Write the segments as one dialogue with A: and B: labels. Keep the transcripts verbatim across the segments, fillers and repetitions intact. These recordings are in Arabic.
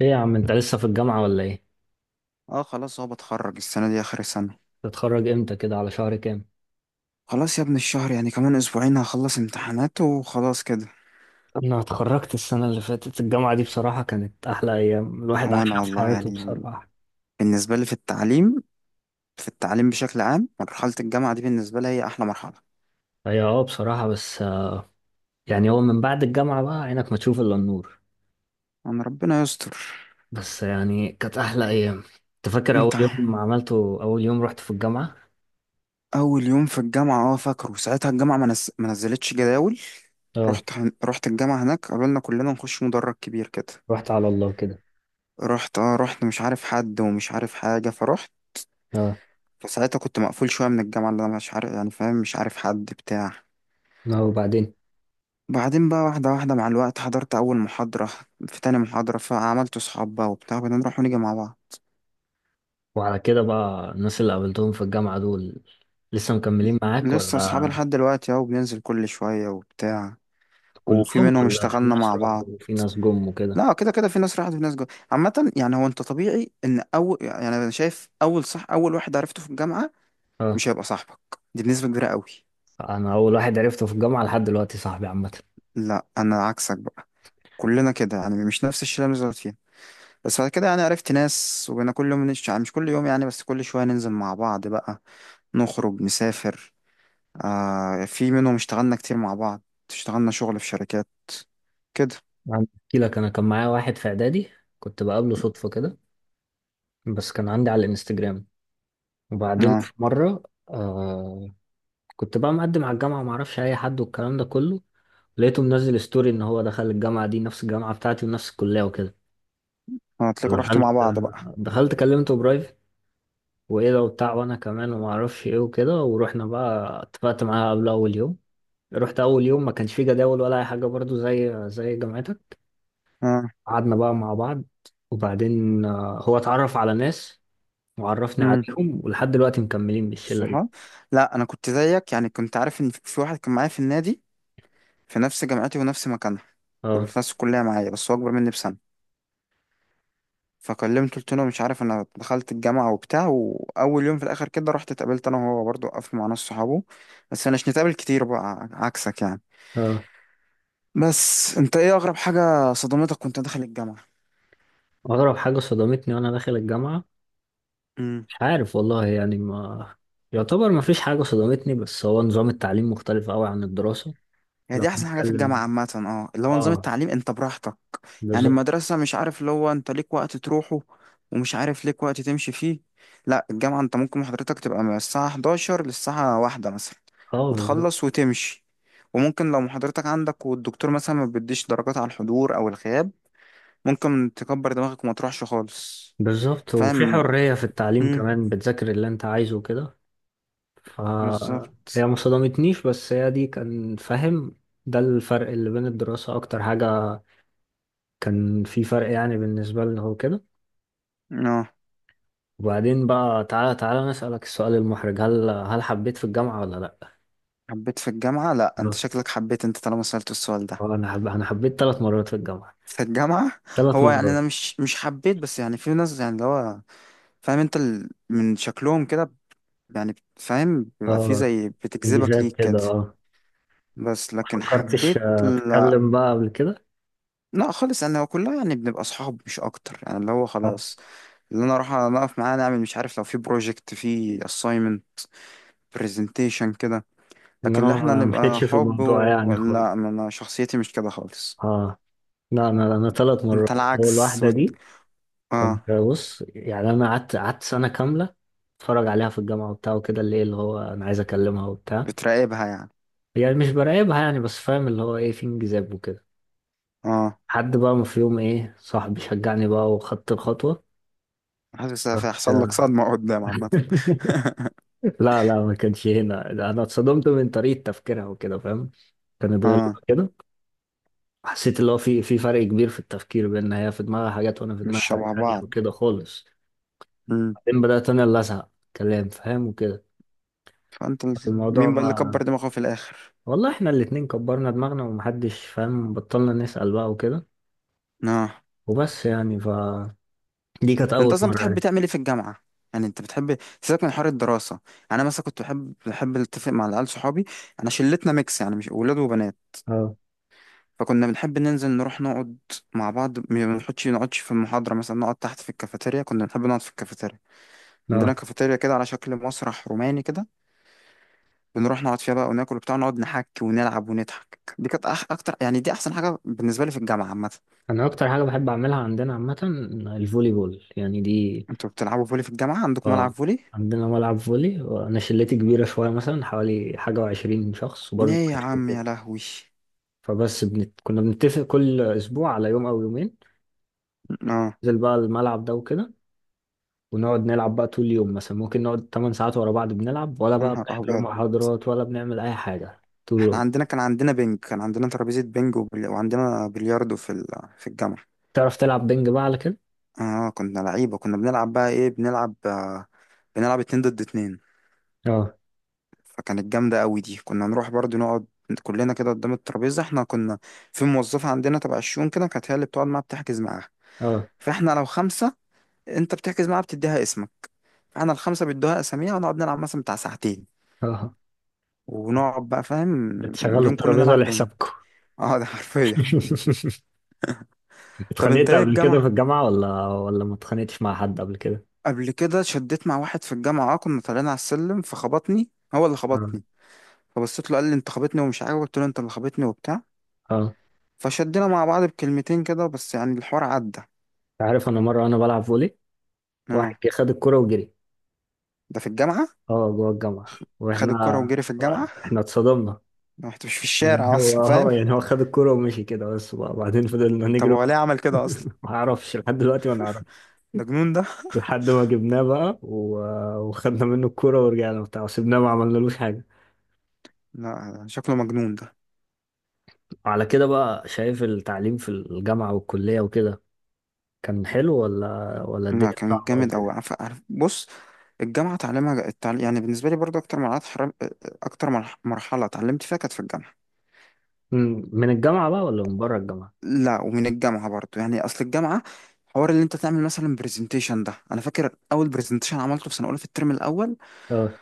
A: ايه يا عم انت لسه في الجامعة ولا ايه؟
B: اه خلاص هو بتخرج السنة دي آخر السنة.
A: تتخرج امتى كده على شهر كام؟
B: خلاص يا ابن الشهر، يعني كمان أسبوعين هخلص امتحانات وخلاص كده.
A: انا اتخرجت السنة اللي فاتت الجامعة دي، بصراحة كانت احلى ايام الواحد
B: هو
A: عاشها
B: أنا
A: في
B: والله
A: حياته
B: يعني
A: بصراحة.
B: بالنسبة لي في التعليم، في التعليم بشكل عام مرحلة الجامعة دي بالنسبة لي هي أحلى مرحلة.
A: هي اه، بصراحة، بس آه، يعني هو من بعد الجامعة بقى عينك ما تشوف الا النور.
B: أنا ربنا يستر.
A: بس يعني كانت احلى ايام. انت فاكر اول
B: أنت
A: يوم عملته، اول يوم رحت في الجامعة؟
B: أول يوم في الجامعة اه فاكره، ساعتها الجامعة ما نز- ما نزلتش جداول.
A: اه.
B: رحت هن... رحت الجامعة هناك، قالوا لنا كلنا نخش مدرج كبير كده.
A: رحت على الله كده.
B: رحت، اه رحت مش عارف حد ومش عارف حاجة فرحت.
A: اه.
B: فساعتها كنت مقفول شوية من الجامعة، اللي أنا مش عارف، يعني فاهم، مش عارف حد بتاع.
A: اه، وبعدين؟
B: بعدين بقى واحدة واحدة مع الوقت حضرت أول محاضرة، في تاني محاضرة فعملت صحاب بقى وبتاع، بقينا نروح ونيجي مع بعض.
A: وعلى كده بقى، الناس اللي قابلتهم في الجامعة دول لسه مكملين معاك
B: لسه
A: ولا؟
B: صحاب لحد دلوقتي أهو، بننزل كل شوية وبتاع. وفي
A: كلهم،
B: منهم
A: ولا في
B: اشتغلنا
A: ناس
B: مع
A: راحوا
B: بعض.
A: وفي ناس جم وكده؟
B: لا، كده كده في ناس راحت وفي ناس جت. عامة يعني، هو أنت طبيعي إن أول، يعني أنا شايف أول، صح، أول واحد عرفته في الجامعة
A: اه.
B: مش هيبقى صاحبك، دي بنسبة كبيرة قوي.
A: انا اول واحد عرفته في الجامعه لحد دلوقتي صاحبي، عامه.
B: لا أنا عكسك بقى، كلنا كده يعني، مش نفس الشلة اللي بنزل فيها. بس بعد كده يعني عرفت ناس، وبقينا كل يوم نش... يعني مش كل يوم، يعني بس كل شوية ننزل مع بعض بقى، نخرج، نسافر. آه في منهم اشتغلنا كتير مع بعض، اشتغلنا شغل في شركات كده.
A: عندي- احكي لك، انا كان معايا واحد في اعدادي، كنت بقابله صدفه كده، بس كان عندي على الانستجرام. وبعدين
B: اه
A: في مره، آه، كنت بقى مقدم على الجامعه، ما اعرفش اي حد والكلام ده كله، لقيته منزل ستوري ان هو دخل الجامعه دي، نفس الجامعه بتاعتي ونفس الكليه وكده.
B: هتلاقوا رحتوا مع
A: دخلت
B: بعض بقى.
A: دخلت كلمته برايفت، وايه لو بتاع وانا كمان وما اعرفش ايه وكده، ورحنا بقى اتفقت معاه قبل اول يوم. رحت اول يوم، ما كانش فيه جداول ولا اي حاجه، برضو زي زي جامعتك.
B: اه.
A: قعدنا بقى مع بعض، وبعدين آه، هو اتعرف على ناس وعرفني
B: امم.
A: عليهم، ولحد دلوقتي مكملين بالشلة دي.
B: صح. لا انا كنت زيك، يعني كنت عارف ان في في واحد كان معايا في النادي، في نفس جامعتي ونفس مكانها، كل
A: اه.
B: في نفس الكليه معايا، بس هو اكبر مني بسنه. فكلمته قلت له مش عارف انا دخلت الجامعه وبتاع، واول يوم في الاخر كده رحت اتقابلت انا وهو برضه، وقفت مع ناس صحابه. بس مش نتقابل كتير بقى، عكسك يعني.
A: اه.
B: بس انت ايه اغرب حاجه صدمتك وانت داخل الجامعه؟
A: أغرب حاجة صدمتني وأنا داخل الجامعة،
B: امم.
A: مش عارف والله، يعني ما يعتبر ما فيش حاجة صدمتني، بس هو نظام التعليم مختلف أوي عن الدراسة.
B: هي
A: لو
B: دي احسن حاجه في الجامعه
A: هنتكلم،
B: عامه، اه اللي هو نظام
A: اه،
B: التعليم، انت براحتك. يعني
A: بالظبط.
B: المدرسه مش عارف، اللي هو انت ليك وقت تروحه، ومش عارف ليك وقت تمشي فيه. لا الجامعه انت ممكن محاضرتك تبقى من الساعه حداشر للساعه واحدة مثلا،
A: اه بالظبط.
B: وتخلص وتمشي. وممكن لو محاضرتك عندك والدكتور مثلا ما بيديش درجات على الحضور او الغياب، ممكن تكبر دماغك وما تروحش خالص.
A: بالظبط، وفي
B: فاهم.
A: حرية في التعليم
B: امم.
A: كمان، بتذاكر اللي أنت عايزه وكده.
B: بالظبط.
A: فهي ما صدمتنيش، بس هي دي، كان فاهم. ده الفرق اللي بين الدراسة أكتر حاجة، كان في فرق يعني بالنسبة لي، هو كده.
B: اه
A: وبعدين بقى، تعالى تعالى نسألك السؤال المحرج، هل هل حبيت في الجامعة ولا لأ؟
B: حبيت في الجامعه. لا انت
A: اه.
B: شكلك حبيت، انت طالما سألت السؤال
A: آه،
B: ده.
A: أنا حب... أنا حبيت ثلاث مرات في الجامعة.
B: في الجامعة.
A: ثلاث
B: هو يعني أنا
A: مرات
B: مش مش حبيت، بس يعني في ناس يعني اللي هو فاهم أنت ال... من شكلهم كده، يعني فاهم بيبقى في
A: اه،
B: زي بتجذبك
A: انجذاب
B: ليك كده.
A: كده، اه.
B: بس
A: ما
B: لكن
A: فكرتش
B: حبيت
A: آه،
B: لا.
A: أتكلم بقى قبل كده.
B: لا خالص، أنا كلها يعني بنبقى أصحاب مش أكتر، يعني اللي هو
A: آه.
B: خلاص، اللي أنا أروح أقف معاه نعمل مش عارف لو في بروجكت، في assignment، presentation كده. لكن اللي
A: إنما
B: احنا
A: ما
B: نبقى
A: مشيتش في
B: حب
A: الموضوع
B: و...
A: يعني خالص.
B: لا أنا شخصيتي مش كده خالص.
A: اه. لا، أنا أنا ثلاث مرات.
B: أنت
A: أول
B: العكس
A: واحدة
B: وت...
A: دي،
B: آه.
A: كنت بص يعني، أنا قعدت قعدت سنة كاملة اتفرج عليها في الجامعة وبتاع وكده، اللي إيه، اللي هو أنا عايز أكلمها وبتاع.
B: بتراقبها يعني.
A: يعني مش براقبها يعني، بس فاهم اللي هو ايه، في انجذاب وكده.
B: اه.
A: حد بقى، ما في يوم ايه، صاحبي شجعني بقى وخدت الخطوة.
B: حاسس
A: رحت
B: هيحصل لك صدمة قدام عامة.
A: لا لا، ما كانش هنا، انا اتصدمت من طريقة تفكيرها وكده فاهم. كانت غريبة
B: اه.
A: كده. حسيت اللي هو في في فرق كبير في التفكير، بان هي في دماغها حاجات وانا في
B: مش
A: دماغي حاجات
B: شبه
A: تانية
B: بعض.
A: وكده خالص.
B: مم.
A: بعدين بدأت انا اللي ازهق كلام، فاهم، وكده.
B: فانت
A: الموضوع
B: مين بقى اللي
A: ما،
B: كبر دماغه في الاخر؟
A: والله احنا الاتنين كبرنا دماغنا ومحدش فاهم، بطلنا نسأل بقى وكده.
B: اه.
A: وبس يعني ف دي كانت
B: انت
A: اول
B: اصلا
A: مرة
B: بتحب
A: يعني.
B: تعمل ايه في الجامعة؟ يعني انت بتحب، سيبك من حوار الدراسة، انا مثلا كنت بحب بحب اتفق مع العيال صحابي. انا شلتنا ميكس يعني، مش ولاد وبنات.
A: اه.
B: فكنا بنحب ننزل، نروح نقعد مع بعض، ما بنحطش نقعدش في المحاضرة مثلا، نقعد تحت في الكافيتيريا، كنا بنحب نقعد في الكافيتيريا. عندنا
A: اه.
B: كافيتيريا كده على شكل مسرح روماني كده، بنروح نقعد فيها بقى وناكل وبتاع، ونقعد نحك ونلعب ونضحك. دي كانت أح اكتر يعني، دي احسن حاجه بالنسبه لي في الجامعه عامه.
A: انا اكتر حاجه بحب اعملها عندنا عامه، الفولي بول يعني دي.
B: انتوا بتلعبوا فولي في الجامعه؟ عندكم ملعب
A: اه،
B: فولي؟
A: عندنا ملعب فولي، وانا شلتي كبيره شويه، مثلا حوالي حاجه وعشرين شخص، وبرضه
B: ايه يا
A: بنكسب
B: عم يا
A: كده.
B: لهوي.
A: فبس بنت... كنا بنتفق كل اسبوع على يوم او يومين
B: اه
A: ننزل بقى الملعب ده وكده، ونقعد نلعب بقى طول اليوم. مثلا ممكن نقعد 8 ساعات ورا بعض، بنلعب، ولا
B: يا
A: بقى
B: نهار
A: بنحضر
B: ابيض.
A: محاضرات، ولا بنعمل اي حاجه. طول
B: احنا
A: اليوم.
B: عندنا، كان عندنا بنج، كان عندنا ترابيزه بنج وبل... وعندنا بلياردو في ال... في الجامعه.
A: تعرف تلعب بنج بقى، على كده؟
B: اه كنا لعيبه كنا بنلعب بقى، ايه بنلعب آه، بنلعب اتنين ضد اتنين.
A: اه.
B: فكانت جامده قوي دي. كنا نروح برضو نقعد كلنا كده قدام الترابيزه، احنا كنا في موظفه عندنا تبع الشؤون كده، كانت هي اللي بتقعد معاها، بتحجز معاها.
A: اه.
B: فاحنا لو خمسة، انت بتحجز معاها بتديها اسمك، فاحنا الخمسة بيدوها اساميها ونقعد نلعب مثلا بتاع ساعتين،
A: اه.
B: ونقعد بقى فاهم
A: بتشغلوا
B: اليوم كله
A: الترابيزه
B: نلعب بنج.
A: لحسابكم.
B: اه ده حرفيا. طب انت
A: اتخانقت
B: ايه
A: قبل كده في
B: الجامعة،
A: الجامعة، ولا ولا ما اتخانقتش مع حد قبل كده؟
B: قبل كده شديت مع واحد في الجامعة؟ اه كنا طالعين على السلم فخبطني، هو اللي
A: اه.
B: خبطني، فبصيت له قال لي انت خبطني ومش عارف، قلت له انت اللي خبطني وبتاع.
A: اه.
B: فشدينا مع بعض بكلمتين كده، بس يعني الحوار عدى.
A: انت عارف، انا مرة وانا بلعب فولي، واحد
B: اه
A: جه خد الكرة وجري.
B: ده في الجامعة.
A: اه جوه الجامعة،
B: خد الكرة
A: واحنا،
B: وجري في الجامعة.
A: احنا اتصدمنا.
B: ده مش في
A: يعني
B: الشارع.
A: هو
B: اصلا
A: هو
B: فاهم.
A: يعني هو خد الكرة ومشي كده بس، وبعدين فضلنا
B: طب
A: نجري
B: هو ليه
A: وراه.
B: عمل كده اصلا؟
A: ما اعرفش لحد دلوقتي، ما نعرفش.
B: ده جنون ده.
A: لحد ما جبناه بقى و... وخدنا منه الكرة ورجعنا بتاع، وسيبناه، ما عملنالوش حاجة.
B: لا شكله مجنون ده.
A: على كده بقى، شايف التعليم في الجامعة والكلية وكده، كان حلو ولا ولا
B: لا
A: الدنيا
B: كان
A: صعبة أو
B: جامد أوي.
A: كده؟
B: عارف عارف- بص، الجامعة تعليمها، التعليم يعني بالنسبة لي برضو أكتر مرحلة حرم... أكتر مرح- مرحلة اتعلمت فيها كانت في الجامعة.
A: مم. من الجامعة بقى ولا من بره الجامعة؟
B: لا ومن الجامعة برضو، يعني أصل الجامعة حوار اللي أنت تعمل مثلا برزنتيشن ده، أنا فاكر أول برزنتيشن عملته في سنة أولى في الترم الأول،
A: اه.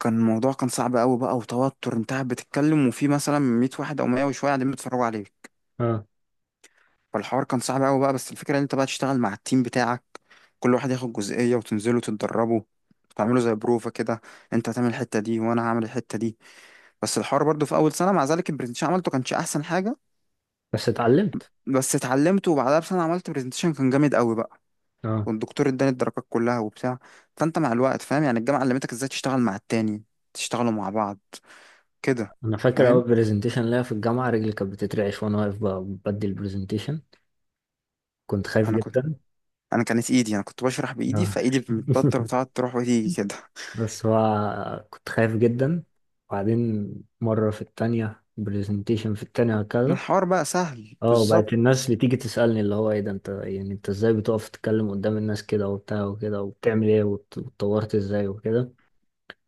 B: كان الموضوع كان صعب أوي بقى، وتوتر أنت قاعد بتتكلم وفي مثلا ميه واحد أو مية وشوية قاعدين بيتفرجوا عليك.
A: اه.
B: فالحوار كان صعب قوي بقى، بس الفكره ان انت بقى تشتغل مع التيم بتاعك، كل واحد ياخد جزئيه وتنزلوا تتدربوا، تعملوا زي بروفه كده، انت هتعمل الحته دي وانا هعمل الحته دي. بس الحوار برضو في اول سنه مع ذلك البرزنتيشن عملته كانش احسن حاجه.
A: بس اتعلمت.
B: بس اتعلمته، وبعدها بسنه عملت برزنتيشن كان جامد قوي بقى،
A: اه.
B: والدكتور اداني الدرجات كلها وبتاع. فانت مع الوقت فاهم يعني الجامعه علمتك ازاي تشتغل مع التاني، تشتغلوا مع بعض كده.
A: انا فاكر اول
B: فاهم.
A: برزنتيشن ليا في الجامعة، رجلي كانت بتترعش وانا واقف ب- بدي البرزنتيشن. كنت خايف
B: انا كنت
A: جدا.
B: انا كانت ايدي، انا كنت بشرح بايدي،
A: اه.
B: فايدي بتتبطر، بتقعد تروح وتيجي كده.
A: بس هو كنت خايف جدا. وبعدين مرة في التانية، برزنتيشن في التانية هكذا.
B: الحوار بقى سهل
A: اه، بقت
B: بالظبط.
A: الناس بتيجي تسألني اللي هو، ايه ده، انت يعني انت ازاي بتقف تتكلم قدام الناس كده وبتاع وكده، وبتعمل ايه، وات- واتطورت ازاي وكده.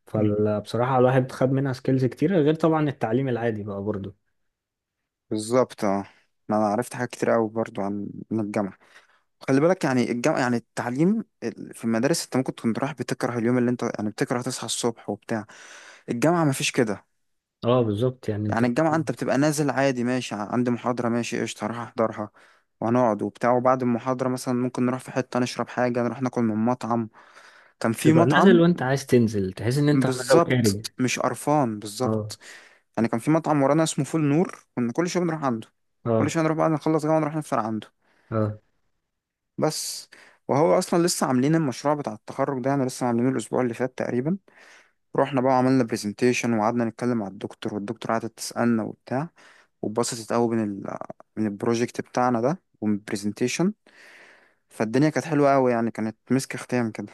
A: فبصراحة الواحد خد منها سكيلز كتيرة، غير طبعا التعليم العادي بقى برضه.
B: بالظبط اه. ما انا عرفت حاجات كتير قوي برضو عن عن الجامعه. خلي بالك يعني الجامعه، يعني التعليم ال- في المدارس انت ممكن تكون رايح بتكره اليوم، اللي انت يعني بتكره تصحى الصبح وبتاع. الجامعه ما فيش كده.
A: اه بالظبط، يعني انت
B: يعني الجامعه انت بتبقى نازل عادي، ماشي ع- عندي محاضره، ماشي قشطه هروح احضرها، وهنقعد وبتاع، وبعد المحاضره مثلا ممكن نروح في حته نشرب حاجه، نروح ناكل من مطعم. كان في
A: تبقى نازل
B: مطعم.
A: وانت عايز تنزل، تحس ان انت نازل خارج.
B: بالظبط مش قرفان.
A: اه.
B: بالظبط. يعني كان في مطعم ورانا اسمه فول نور، كنا كل شويه بنروح عنده. كل
A: اه.
B: شويه نروح بعد ما نخلص جامعه نروح نفطر عنده.
A: اه.
B: بس. وهو اصلا لسه عاملين المشروع بتاع التخرج ده، يعني لسه عاملينه الاسبوع اللي فات تقريبا. رحنا بقى وعملنا برزنتيشن، وقعدنا نتكلم مع الدكتور، والدكتور قعدت تسالنا وبتاع، واتبسطت قوي من ال من البروجكت بتاعنا ده ومن البرزنتيشن. فالدنيا كانت حلوه قوي يعني، كانت مسك ختام كده.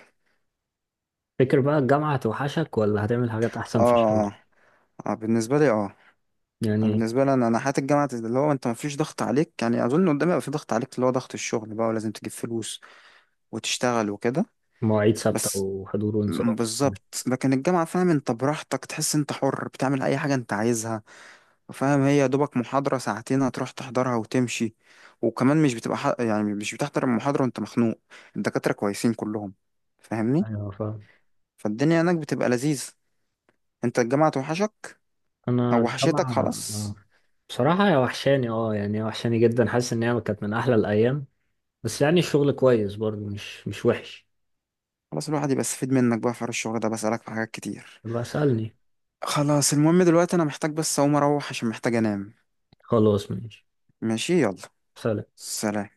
A: فكر بقى، الجامعة هتوحشك ولا هتعمل حاجات احسن في
B: اه
A: الشغل؟
B: اه. آه، بالنسبه لي اه.
A: يعني
B: بالنسبه لي انا، انا حياه الجامعه اللي هو انت مفيش ضغط عليك يعني، اظن قدامي بقى في ضغط عليك اللي هو ضغط الشغل بقى، ولازم تجيب فلوس وتشتغل وكده.
A: مواعيد ثابتة
B: بس
A: وحضور
B: م-
A: وانصراف كده.
B: بالظبط. لكن الجامعة فاهم انت براحتك، تحس انت حر بتعمل اي حاجة انت عايزها. فاهم هي يا دوبك محاضرة ساعتين هتروح تحضرها وتمشي، وكمان مش بتبقى ح... يعني مش بتحضر المحاضرة وانت مخنوق، الدكاترة كويسين كلهم. فاهمني.
A: ايوه فاهم.
B: فالدنيا هناك بتبقى لذيذ. انت الجامعة توحشك؟
A: انا
B: او وحشتك
A: الجامعة، آه.
B: خلاص.
A: بصراحة هي وحشاني، اه يعني هي وحشاني جدا، حاسس ان هي كانت من احلى الايام. بس يعني الشغل كويس برضه، مش مش وحش.
B: خلاص الواحد يبقى استفيد منك بقى في حوار الشغل ده، بسألك في حاجات كتير.
A: بسألني.
B: خلاص المهم دلوقتي انا محتاج بس اقوم اروح عشان محتاج انام.
A: خلاص ماشي.
B: ماشي يلا.
A: سلام.
B: سلام.